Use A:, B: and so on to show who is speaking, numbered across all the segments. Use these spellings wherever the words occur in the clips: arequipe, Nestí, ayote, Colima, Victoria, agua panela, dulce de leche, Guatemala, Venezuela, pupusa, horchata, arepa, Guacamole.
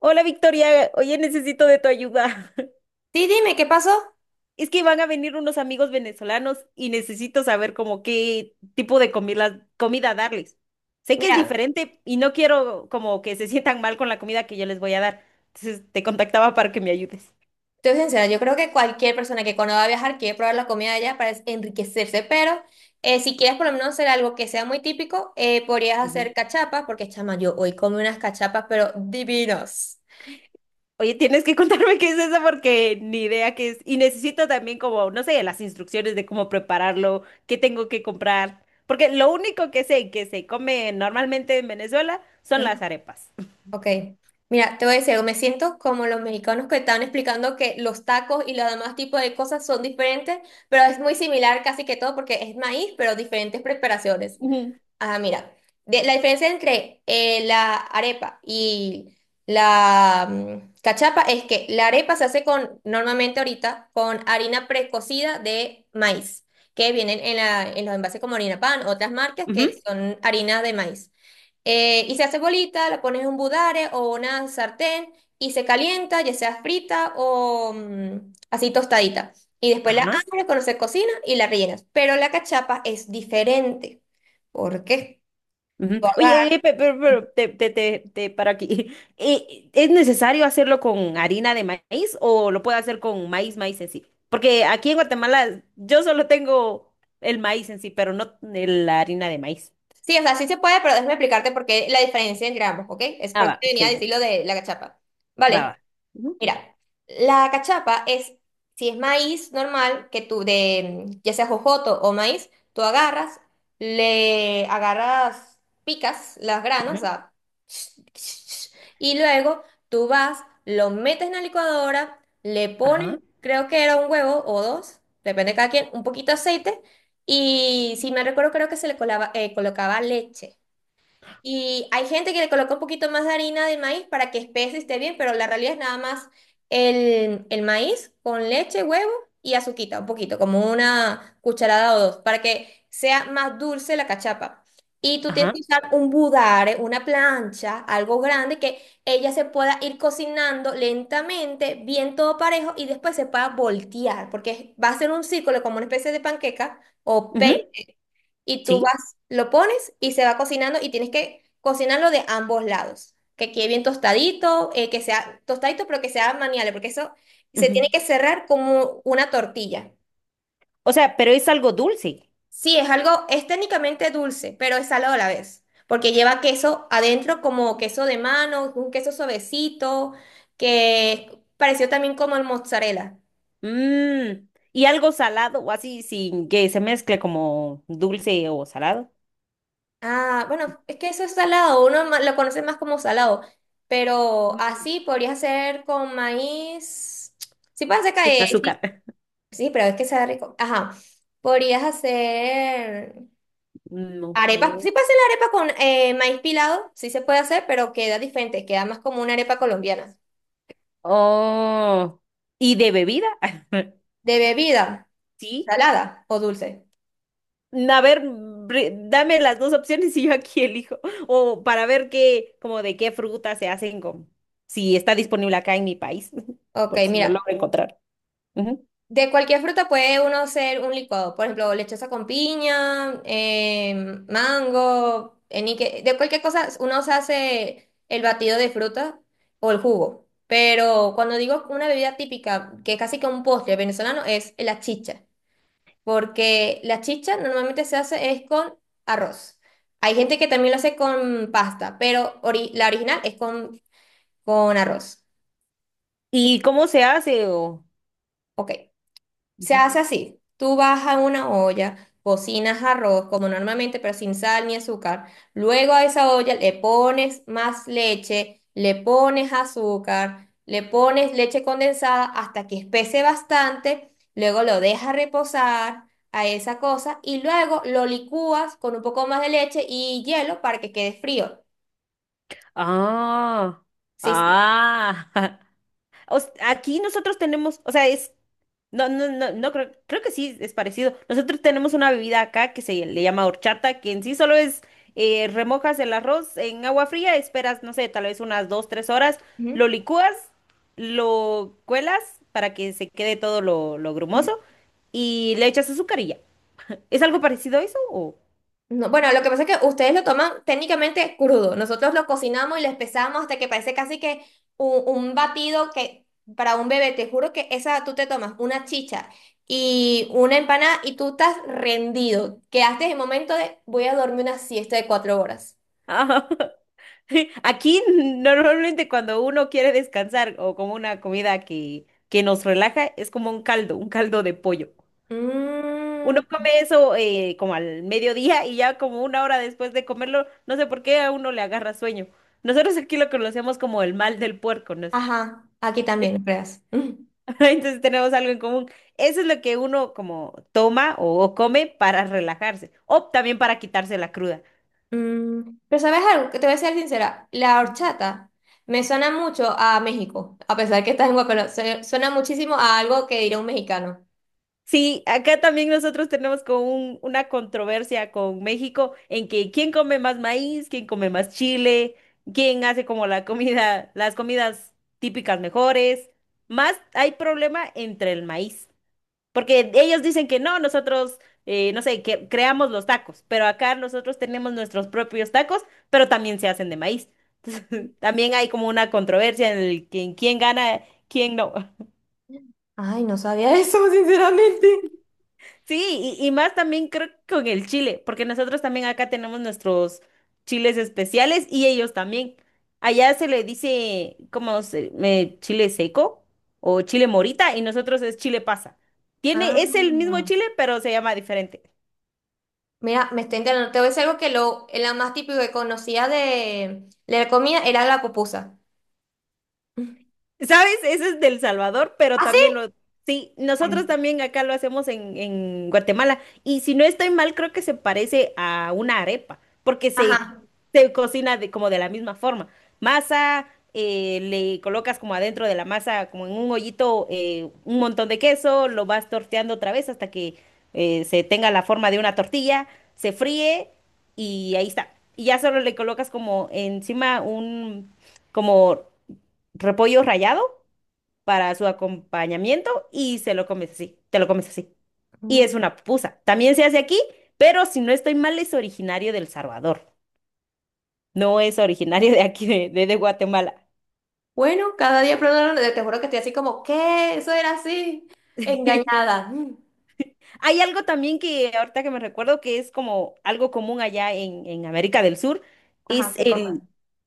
A: Hola Victoria, oye, necesito de tu ayuda.
B: Sí, dime, ¿qué pasó?
A: Es que van a venir unos amigos venezolanos y necesito saber como qué tipo de comida darles. Sé que es
B: Mira,
A: diferente y no quiero como que se sientan mal con la comida que yo les voy a dar. Entonces te contactaba para que me ayudes.
B: te soy sincera, yo creo que cualquier persona que cuando va a viajar quiere probar la comida de allá para enriquecerse, pero si quieres por lo menos hacer algo que sea muy típico, podrías
A: Ujú.
B: hacer cachapas, porque chama, yo hoy comí unas cachapas, pero divinos.
A: Oye, tienes que contarme qué es eso porque ni idea qué es. Y necesito también como, no sé, las instrucciones de cómo prepararlo, qué tengo que comprar. Porque lo único que sé que se come normalmente en Venezuela son las
B: Ajá.
A: arepas.
B: Ok, mira, te voy a decir algo, me siento como los mexicanos que estaban explicando que los tacos y los demás tipos de cosas son diferentes, pero es muy similar casi que todo porque es maíz, pero diferentes preparaciones.
A: Ujú.
B: Ah, mira, la diferencia entre la arepa y la cachapa es que la arepa se hace con, normalmente ahorita, con harina precocida de maíz, que vienen en, en los envases como harina pan, otras marcas que
A: Ujú.
B: son harinas de maíz. Y se hace bolita, la pones en un budare o una sartén y se calienta, ya sea frita o así tostadita. Y después la
A: Ajá.
B: abres cuando se cocina y la rellenas. Pero la cachapa es diferente. ¿Por qué?
A: Ujú.
B: Tú agar-
A: Oye, pero te para aquí. ¿Es necesario hacerlo con harina de maíz o lo puedo hacer con maíz en sí? Porque aquí en Guatemala yo solo tengo el maíz en sí, pero no la harina de maíz.
B: Sí, o sea, sí se puede, pero déjame explicarte por qué la diferencia en gramos, ¿ok? Es
A: Ah,
B: por eso
A: va,
B: que venía a
A: sí, sí,
B: decirlo de la cachapa.
A: va,
B: Vale,
A: va. Ujú,
B: mira, la cachapa es, si es maíz normal, que tú de, ya sea jojoto o maíz, tú agarras, le agarras, picas las granos, o
A: ujú,
B: sea, y luego tú vas, lo metes en la licuadora, le pones,
A: ajá,
B: creo que era un huevo o dos, depende de cada quien, un poquito de aceite, y si me recuerdo, creo que se le colocaba leche. Y hay gente que le coloca un poquito más de harina de maíz para que espese y esté bien, pero la realidad es nada más el maíz con leche, huevo y azuquita, un poquito, como una cucharada o dos, para que sea más dulce la cachapa. Y tú tienes
A: ajá,
B: que usar un budare, una plancha, algo grande, que ella se pueda ir cocinando lentamente, bien todo parejo, y después se pueda voltear, porque va a ser un círculo como una especie de panqueca o
A: ujú,
B: y tú
A: sí.
B: vas, lo pones y se va cocinando y tienes que cocinarlo de ambos lados. Que quede bien tostadito, que sea tostadito, pero que sea maniable, porque eso se tiene
A: Ujú.
B: que cerrar como una tortilla.
A: O sea, pero es algo dulce.
B: Sí, es algo, es técnicamente dulce, pero es salado a la vez, porque lleva queso adentro como queso de mano, un queso suavecito, que pareció también como el mozzarella.
A: Mm, y algo salado o así, sin que se mezcle como dulce o salado.
B: Ah, bueno, es que eso es salado, lo conoce más como salado, pero
A: Mm,
B: así podría hacer con maíz. Sí, puede hacer
A: sin
B: que, sí,
A: azúcar.
B: sí, pero es que sea rico. Ajá, podrías hacer
A: No sé.
B: arepas. Sí, puedes hacer la arepa con maíz pilado, sí se puede hacer, pero queda diferente, queda más como una arepa colombiana.
A: Oh, ¿y de bebida?
B: De bebida,
A: Sí.
B: salada o dulce.
A: A ver, dame las dos opciones y yo aquí elijo. O para ver qué, como de qué fruta se hacen si está disponible acá en mi país,
B: Ok,
A: por si lo
B: mira.
A: logro encontrar. Ujú.
B: De cualquier fruta puede uno hacer un licuado, por ejemplo, lechosa con piña, mango, enique, de cualquier cosa uno se hace el batido de fruta o el jugo. Pero cuando digo una bebida típica, que es casi que un postre venezolano, es la chicha, porque la chicha normalmente se hace es con arroz. Hay gente que también lo hace con pasta, pero la original es con arroz.
A: ¿Y cómo se hace? O...
B: Ok. Se
A: Ujú.
B: hace así. Tú vas a una olla, cocinas arroz como normalmente, pero sin sal ni azúcar. Luego a esa olla le pones más leche, le pones azúcar, le pones leche condensada hasta que espese bastante. Luego lo dejas reposar a esa cosa y luego lo licúas con un poco más de leche y hielo para que quede frío.
A: Ah,
B: Sí, sí.
A: ah. Aquí nosotros tenemos, o sea, no, no, no creo, creo que sí es parecido. Nosotros tenemos una bebida acá que se le llama horchata, que en sí solo es remojas el arroz en agua fría, esperas, no sé, tal vez unas dos, tres horas, lo licúas, lo cuelas para que se quede todo lo
B: Ujú.
A: grumoso y le echas azúcar y ya. ¿Es algo parecido a eso o?
B: No, bueno, lo que pasa es que ustedes lo toman técnicamente crudo. Nosotros lo cocinamos y lo espesamos hasta que parece casi que un batido que para un bebé, te juro que esa tú te tomas una chicha y una empanada y tú estás rendido. Quedaste en el momento de voy a dormir una siesta de 4 horas.
A: Aquí normalmente cuando uno quiere descansar o como una comida que nos relaja, es como un caldo de pollo.
B: Mm,
A: Uno come eso como al mediodía y ya como una hora después de comerlo, no sé por qué a uno le agarra sueño. Nosotros aquí lo conocemos como el mal del puerco, ¿no? ¿es?
B: ajá, aquí también, no creas.
A: Entonces tenemos algo en común. Eso es lo que uno como toma o come para relajarse o también para quitarse la cruda.
B: Mm, pero ¿sabes algo? Que te voy a ser sincera. La horchata me suena mucho a México, a pesar que está en Guacamole. Suena muchísimo a algo que diría un mexicano.
A: Sí, acá también nosotros tenemos como una controversia con México en que quién come más maíz, quién come más chile, quién hace como la comida, las comidas típicas mejores. Más hay problema entre el maíz, porque ellos dicen que no, nosotros, no sé, que creamos los tacos, pero acá nosotros tenemos nuestros propios tacos, pero también se hacen de maíz. Entonces, también hay como una controversia en en quién gana, quién no.
B: Ay, no sabía eso, sinceramente.
A: Sí, y más también creo que con el chile, porque nosotros también acá tenemos nuestros chiles especiales y ellos también. Allá se le dice como chile seco o chile morita y nosotros es chile pasa. Tiene, es el mismo
B: Ah.
A: chile, pero se llama diferente.
B: Mira, me está enterando. Te voy a decir algo que lo, la más típico que conocía de la comida era la pupusa.
A: ¿Sabes? Ese es del Salvador, pero
B: ¿Ah, sí?
A: también lo... Sí,
B: Ay.
A: nosotros también acá lo hacemos en Guatemala. Y si no estoy mal, creo que se parece a una arepa, porque
B: Ajá.
A: se cocina de, como de la misma forma. Masa, le colocas como adentro de la masa, como en un hoyito, un montón de queso, lo vas torteando otra vez hasta que se tenga la forma de una tortilla, se fríe y ahí está. Y ya solo le colocas como encima como repollo rallado para su acompañamiento y se lo comes así, te lo comes así. Y
B: Mm.
A: es una pupusa. También se hace aquí, pero si no estoy mal, es originario del Salvador. No es originario de aquí, de Guatemala.
B: Bueno, cada día probando, te juro que estoy así como, ¿qué? Eso era así. Engañada. Mm.
A: Hay algo también que ahorita que me recuerdo que es como algo común allá en América del Sur,
B: Ajá,
A: es
B: qué cosa.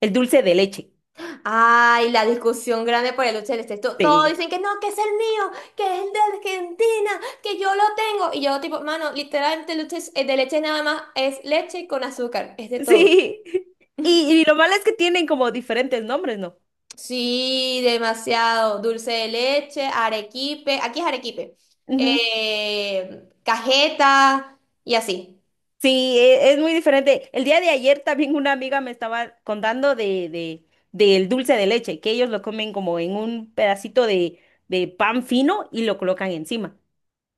A: el dulce de leche.
B: Ay, la discusión grande por el Lucha del Este. Todos
A: Sí.
B: dicen que no, que es el mío, que es el de Argentina, que yo lo tengo. Y yo, tipo, mano, literalmente el Lucha el de leche nada más es leche con azúcar, es de todo.
A: Sí. Y, y lo malo es que tienen como diferentes nombres, ¿no?
B: Sí, demasiado. Dulce de leche, arequipe, aquí es arequipe,
A: Ujú.
B: cajeta y así.
A: Sí, es muy diferente. El día de ayer también una amiga me estaba contando del dulce de leche, que ellos lo comen como en un pedacito de pan fino y lo colocan encima.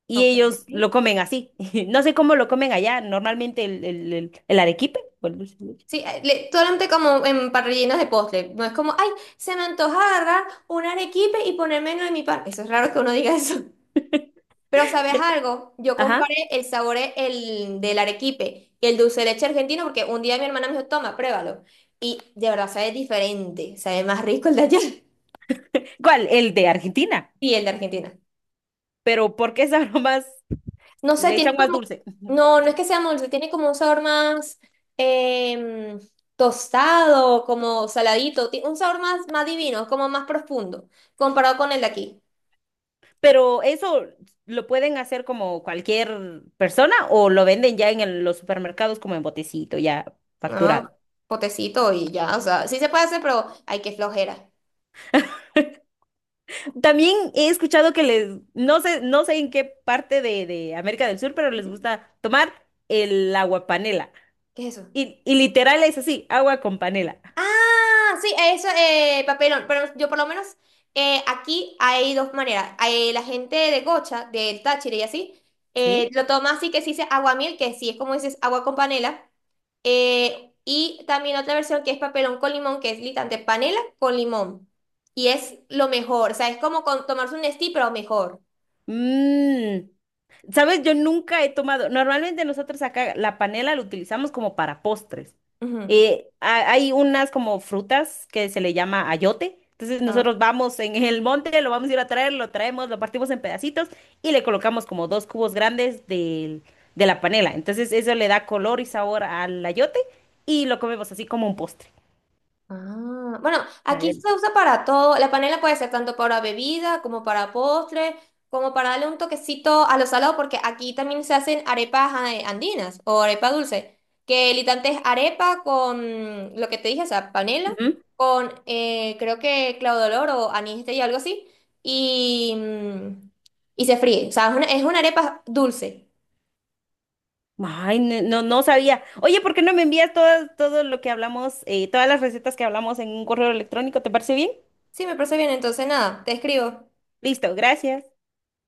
A: Y
B: Ok.
A: ellos lo comen así. No sé cómo lo comen allá. Normalmente el arequipe o el dulce de leche.
B: Sí, solamente como en parrillinas de postre. No es como, ay, se me antoja agarrar un arequipe y ponerme en mi pan. Eso es raro que uno diga eso. Pero ¿sabes algo? Yo comparé
A: Ajá.
B: el sabor el, del arequipe y el dulce de leche argentino porque un día mi hermana me dijo, toma, pruébalo. Y de verdad sabe diferente, sabe más rico el de allá
A: ¿Cuál? El de Argentina.
B: y el de Argentina.
A: Pero ¿por qué sabrá más?
B: No sé,
A: Le
B: tiene
A: echan más
B: como,
A: dulce.
B: no, no es que sea dulce, tiene como un sabor más em, tostado, como saladito, un sabor más, más divino, como más profundo, comparado con el de aquí.
A: Pero eso lo pueden hacer como cualquier persona o lo venden ya en los supermercados como en botecito, ya
B: No,
A: facturado.
B: potecito y ya, o sea, sí se puede hacer, pero hay que flojera.
A: También he escuchado que les, no sé, no sé en qué parte de América del Sur, pero les
B: Ujú.
A: gusta tomar el agua panela.
B: ¿Qué es eso?
A: Y literal es así, agua con panela.
B: Ah, sí, eso, papelón. Pero yo por lo menos aquí hay dos maneras. Hay la gente de Gocha, del Táchira y así,
A: ¿Sí?
B: lo toma así que se dice aguamiel, que sí es como dices agua con panela. Y también otra versión que es papelón con limón, que es literalmente panela con limón. Y es lo mejor, o sea, es como con tomarse un Nestí, pero mejor.
A: Mm. ¿Sabes? Yo nunca he tomado. Normalmente nosotros acá la panela la utilizamos como para postres.
B: Ujú.
A: Hay unas como frutas que se le llama ayote. Entonces nosotros vamos en el monte, lo vamos a ir a traer, lo traemos, lo partimos en pedacitos y le colocamos como dos cubos grandes de la panela. Entonces eso le da color y sabor al ayote y lo comemos así como un postre.
B: Ah, bueno,
A: Sabe
B: aquí se
A: delicioso.
B: usa para todo. La panela puede ser tanto para bebida como para postre, como para darle un toquecito a lo salado, porque aquí también se hacen arepas andinas o arepa dulce, que literalmente es arepa con lo que te dije, o sea, panela, con creo que claudolor o anís y algo así, y y se fríe. O sea, es una arepa dulce.
A: Ay, no, no sabía. Oye, ¿por qué no me envías todo, todo lo que hablamos, todas las recetas que hablamos en un correo electrónico? ¿Te parece bien?
B: Sí, me parece bien, entonces nada, te escribo.
A: Listo, gracias.